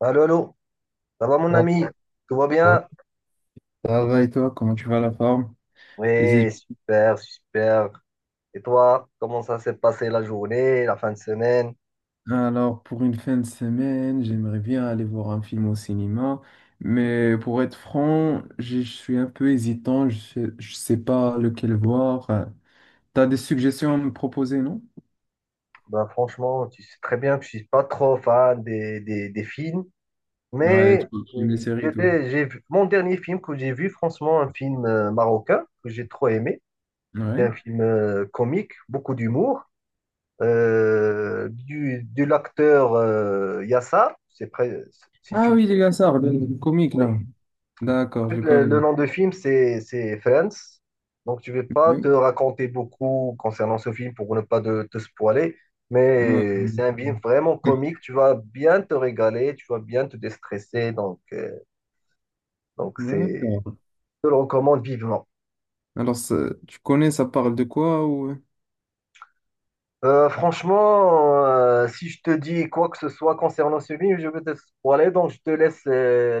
Allô, allô, ça va mon Ah, ami? Tout va ah. bien? Ça va et toi, comment tu vas la forme? Les Oui, études- super, super. Et toi, comment ça s'est passé la journée, la fin de semaine? Alors, pour une fin de semaine, j'aimerais bien aller voir un film au cinéma, mais pour être franc, je suis un peu hésitant, je sais pas lequel voir. T'as des suggestions à me proposer, non? Ben, franchement, tu sais très bien que je suis pas trop fan des films, Ouais, mais tu aimes les séries, toi. J'ai vu, mon dernier film que j'ai vu, franchement, un film marocain que j'ai trop aimé. C'est Ouais. un film comique, beaucoup d'humour, de l'acteur Yassa, c'est près, si Ah tu le oui, les Gassard, le comique, là. connais. En D'accord, je fait, le le, connais. le nom de film, c'est Friends. Donc, je ne vais pas te Oui. raconter beaucoup concernant ce film pour ne pas te spoiler, Ouais. mais c'est un film vraiment comique. Tu vas bien te régaler, tu vas bien te déstresser. Donc, D'accord. je te le recommande vivement. Alors, tu connais, ça parle de quoi ou... Franchement, si je te dis quoi que ce soit concernant ce film, je vais te spoiler, donc je te laisse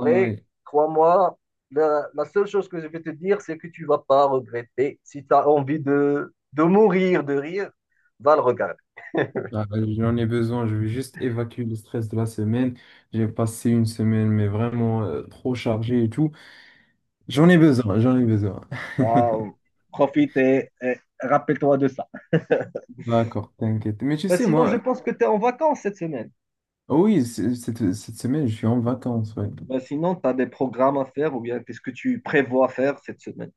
Ah ouais. Crois-moi, la seule chose que je vais te dire, c'est que tu vas pas regretter. Si tu as envie de mourir de rire, va le regarder. Ah, bah, j'en ai besoin, je vais juste évacuer le stress de la semaine. J'ai passé une semaine, mais vraiment trop chargée et tout. J'en ai besoin, j'en ai besoin. Waouh, profite et rappelle-toi de ça. D'accord, t'inquiète. Mais tu Ben, sais, sinon, je moi, pense que tu es en vacances cette semaine. oui, cette semaine, je suis en vacances, ouais. Ben, sinon, tu as des programmes à faire ou bien qu'est-ce que tu prévois faire cette semaine?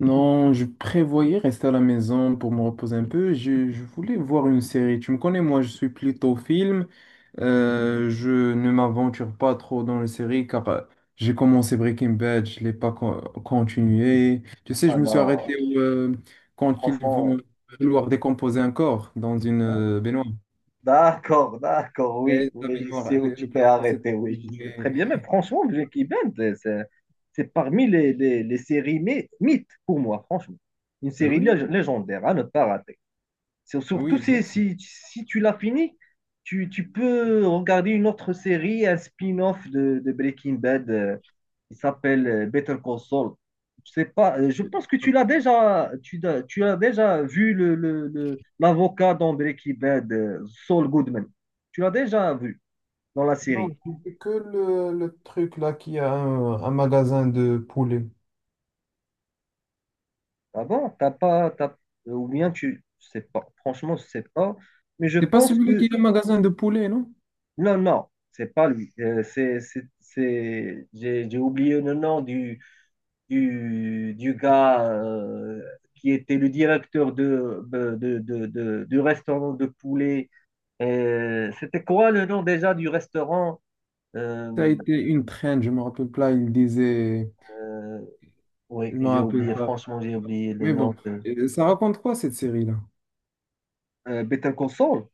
Non, je prévoyais rester à la maison pour me reposer un peu. Je voulais voir une série. Tu me connais, moi, je suis plutôt film. Je ne m'aventure pas trop dans les séries car j'ai commencé Breaking Bad, je l'ai pas continué. Tu sais, Ah je me suis non, arrêté au quand ils vont franchement. vouloir décomposer un corps dans une baignoire. D'accord, d'accord, oui, Et la oui, je sais baignoire, où tu le t'es plafond, c'est... arrêté, oui, je Oui, sais très bien. Mais franchement, Breaking Bad, c'est parmi les séries mythes pour moi, franchement. Une série oui, légendaire à ne pas rater. Surtout oui, bien si, sûr. si, si tu l'as fini, tu peux regarder une autre série, un spin-off de Breaking Bad qui s'appelle Better Call Saul. Je sais pas, je pense que tu l'as déjà, tu as déjà vu l'avocat dans Breaking Bad, Saul Goodman. Tu l'as déjà vu dans la Non, série. je dis que le truc là qui a un magasin de poulet. Ah bon? T'as pas, t'as- ou bien tu, je sais pas. Franchement, je sais pas. Mais je C'est pas pense celui-là que qui a un magasin de poulet, non? Non, non, c'est pas lui. J'ai oublié le nom du gars qui était le directeur du restaurant de poulet. C'était quoi le nom déjà du restaurant? Euh, Ça a été une traîne, je me rappelle pas, il disait, euh, oui, je me j'ai rappelle oublié, pas. franchement, j'ai oublié le Mais nom bon, de... ça raconte quoi cette série-là? Better Call Saul.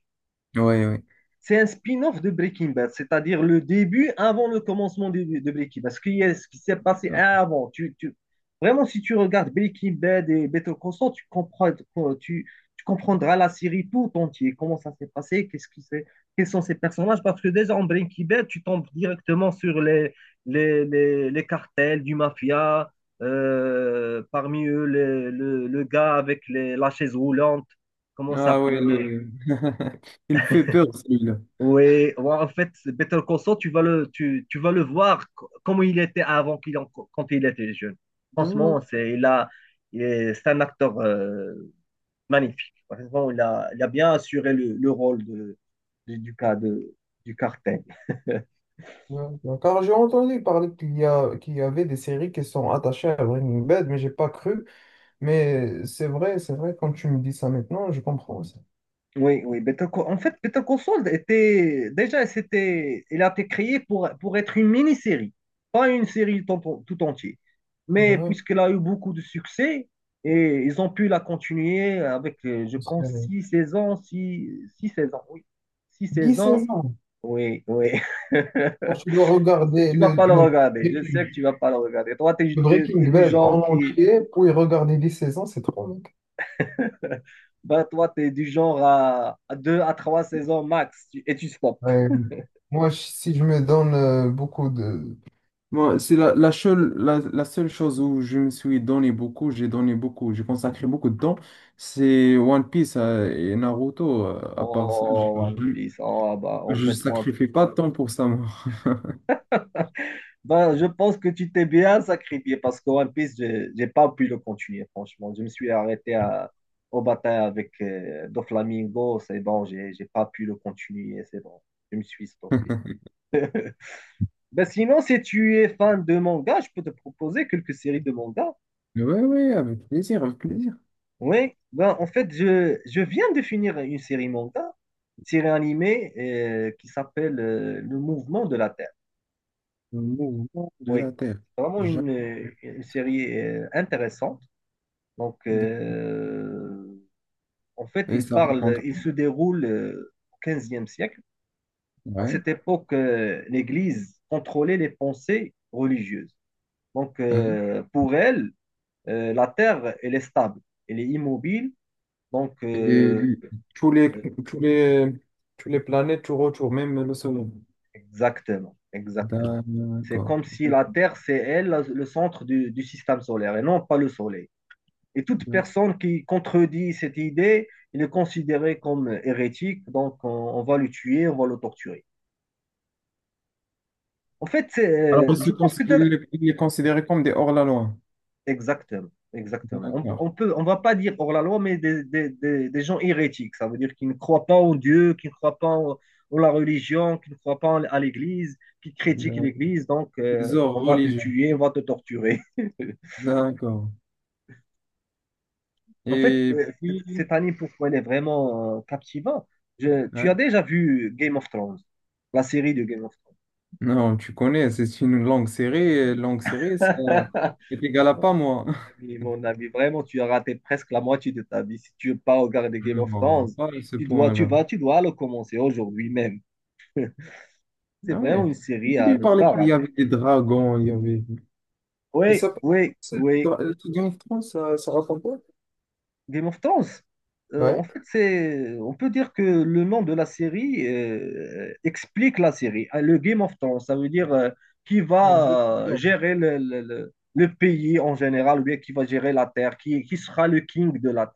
Oui, oui. C'est un spin-off de Breaking Bad, c'est-à-dire le début avant le commencement de Breaking Bad. Ce qui est ce qui s'est passé avant. Vraiment, si tu regardes Breaking Bad et Better Call Saul, tu comprends, tu, tu comprendras la série tout entière. Comment ça s'est passé, quels sont ces personnages. Parce que déjà en Breaking Bad, tu tombes directement sur les cartels du mafia, parmi eux le gars avec la chaise roulante, comment ça Ah ouais, s'appelait? le... il fait peur celui-là. Oui, ouais, en fait, Better Call Saul, tu vas le voir comment il était avant quand il était jeune. Franchement, c'est, il a, il est, c'est un acteur magnifique. Franchement, il a bien assuré le rôle de, du cas de, du cartel. Ouais, ouais. Car j'ai entendu parler qu'il y a, qu'il y avait des séries qui sont attachées à Breaking Bad, mais j'ai pas cru. Mais c'est vrai, quand tu me dis ça maintenant, je comprends ça. Oui, oui. En fait, Better Call Saul était déjà, c'était, il a été créé pour, être une mini-série, pas une série tout, tout entière. Mais Ben, puisqu'elle a eu beaucoup de succès, et ils ont pu la continuer avec, je pense, une six saisons, oui. Six saisons, saisons. oui, oui. Quand tu dois Je sais que regarder tu vas le, pas le le, regarder. Je Breaking sais que tu vas pas le regarder. Toi, le t'es Breaking du Bad genre en qui, entier, pour y regarder 10 saisons, c'est trop, mec. ben, toi, t'es du genre à deux à trois saisons max, et tu stops. Ouais, oui. Moi, si je me donne beaucoup de, moi, c'est la seule chose où je me suis donné beaucoup, j'ai consacré beaucoup de temps, c'est One Piece et Naruto. À part ça, je Oh, One je- Piece, oh, bah, en fait, moi, sacrifie pas de temps pour ça, moi. bah, je pense que tu t'es bien sacrifié parce que One Piece, j'ai pas pu le continuer, franchement. Je me suis arrêté au bataille avec Doflamingo, c'est bon, j'ai pas pu le continuer, c'est bon, je me suis stoppé. Ben, sinon, si tu es fan de manga, je peux te proposer quelques séries de manga. Oui, oui, avec plaisir, avec plaisir. Oui, ben, en fait, je viens de finir une série manga, série animée qui s'appelle Le Mouvement de la Terre. Le mouvement de Oui, la Terre. c'est vraiment Jamais. une série intéressante. Donc, en fait, Et ça raconte. Il se déroule au 15e siècle. À Ouais. cette époque, l'Église contrôlait les pensées religieuses. Donc, Oui. Pour elle, la terre, elle est stable, elle est immobile. Donc, Et tous les, euh, tous les, tous les planètes tout autour, même le Soleil. exactement, exactement. C'est comme D'accord. si la terre, c'est elle, le centre du système solaire et non pas le soleil. Et toute personne qui contredit cette idée, il est considéré comme hérétique, donc on va le tuer, on va le torturer. En fait, Alors, je pense que tu ils as... les ils les considéraient comme des hors-la-loi. Exactement, exactement. D'accord. On va pas dire hors la loi, mais des gens hérétiques. Ça veut dire qu'ils ne croient pas en Dieu, qu'ils ne croient pas en la religion, qu'ils ne croient pas à l'Église, qui critiquent D'accord. l'Église. Donc, Des hors on va te religieux. tuer, on va te torturer. D'accord. En fait, Et puis, cette année, pourquoi elle est vraiment captivante? Tu ouais. as déjà vu Game of Thrones, la série de Game of Thrones. Non, tu connais, c'est une langue serrée. Et langue serrée, ça c'est égal à Mon pas moi. Mon ami, vraiment, tu as raté presque la moitié de ta vie. Si tu veux pas regarder Game of Non, Thrones, pas à ce tu dois, tu point-là. vas, tu dois le commencer aujourd'hui même. C'est Ah vraiment ouais. une série Quand à tu ne parlais pas qu'il y avait rater. des dragons, il y avait. Et Oui, ça, oui, ça- oui. tout Game of Thrones, ça raconte quoi? Game of Thrones, en Ouais. fait, c'est, on peut dire que le nom de la série explique la série. Ah, Le Game of Thrones, ça veut dire qui Je vais te va jure. gérer le pays en général, ou bien qui va gérer la terre, qui sera le king de la terre.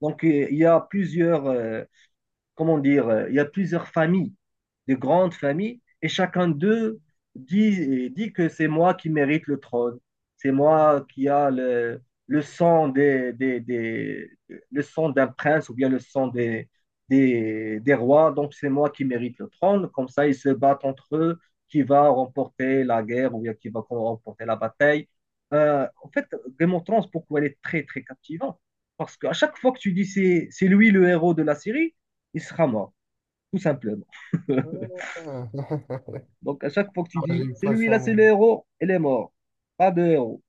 Donc, il y a plusieurs familles, de grandes familles, et chacun d'eux dit que c'est moi qui mérite le trône, c'est moi qui a le sang le sang d'un prince ou bien le sang des rois, donc c'est moi qui mérite le trône. Comme ça, ils se battent entre eux, qui va remporter la guerre ou bien qui va remporter la bataille. En fait, Game of Thrones, pourquoi elle est très, très captivante? Parce qu'à chaque fois que tu dis c'est lui le héros de la série, il sera mort, tout simplement. Ah, Donc, à chaque fois que tu non, dis, j'ai eu c'est pas lui ça, là, c'est moi. le héros, il est mort. Pas de héros.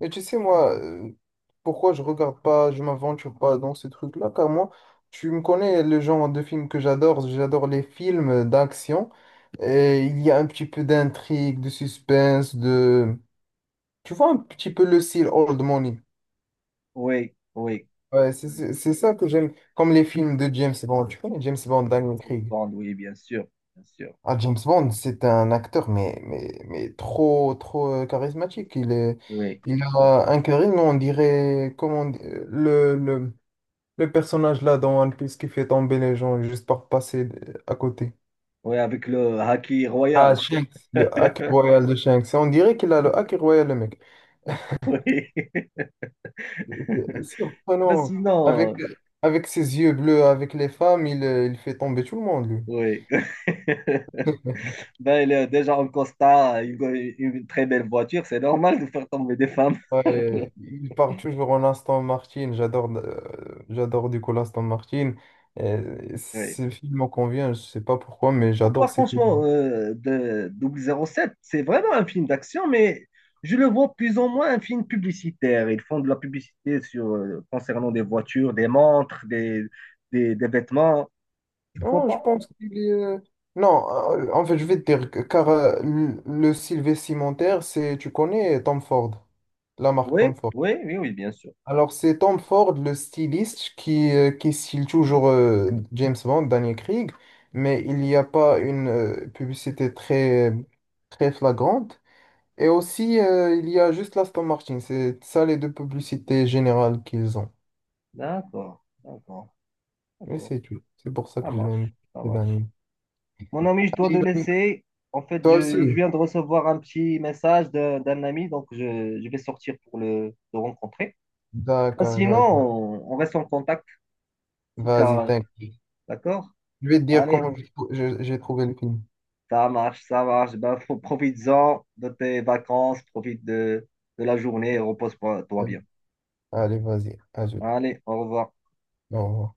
Mais tu sais, moi, pourquoi je regarde pas, je m'aventure pas dans ces trucs-là, car moi, tu me connais le genre de film que j'adore, j'adore les films d'action, et il y a un petit peu d'intrigue, de suspense, de... Tu vois un petit peu le style old money. Oui, oui, Ouais, oui. C'est ça que j'aime, comme les films de James Bond. Tu connais James Bond, Daniel James Craig? Bond, oui, bien sûr, bien sûr. Ah, James Bond, c'est un acteur, mais trop, trop charismatique. Oui, Il oui. a un charisme, on dirait, le, le le personnage là dans One Piece qui fait tomber les gens juste par passer à côté. Oui, avec le haki Ah, royal. Shanks. Le hack royal de Shanks. On dirait qu'il a le hack royal, le mec. Oui. C'est Ben surprenant. Avec, sinon, avec ses yeux bleus, avec les femmes, il fait tomber tout le monde, lui. oui. Ben, il est déjà en costard, il a une très belle voiture, c'est normal de faire tomber des femmes. Ouais, il part toujours en Aston Martin. J'adore j'adore du coup l'Aston Martin. Oui. Ces films me conviennent, je sais pas pourquoi, mais Pour moi, j'adore ces franchement, films. De 007, c'est vraiment un film d'action, mais je le vois plus ou moins un film publicitaire. Ils font de la publicité concernant des voitures, des montres, des vêtements. Tu crois Non, je pas? pense qu'il est... non, en fait, je vais te dire, car le Sylvain Cimentaire, c'est, tu connais Tom Ford, la marque Oui, Tom Ford. oui, oui, oui, bien sûr. Alors, c'est Tom Ford, le styliste, qui style toujours James Bond, Daniel Craig, mais il n'y a pas une publicité très, très flagrante. Et aussi, il y a juste l'Aston Martin, c'est ça les deux publicités générales qu'ils ont. D'accord, d'accord, Mais d'accord. c'est tout, c'est pour ça Ça que je l'aime, marche, ça c'est marche. Daniel. Mon ami, je dois te laisser. En fait, Toi je aussi? viens de recevoir un petit message d'un ami, donc je vais sortir pour le rencontrer. Ah, D'accord, sinon, vas-y. on reste en contact. Si tu Vas-y, as t'inquiète. D'accord? Je vais te dire Allez, comment j'ai trouvé le film. ça marche, ça marche. Eh ben, profites-en de tes vacances, profite de la journée et repose-toi bien. Allez, vas-y, ajoute. Allez, au revoir. Au revoir.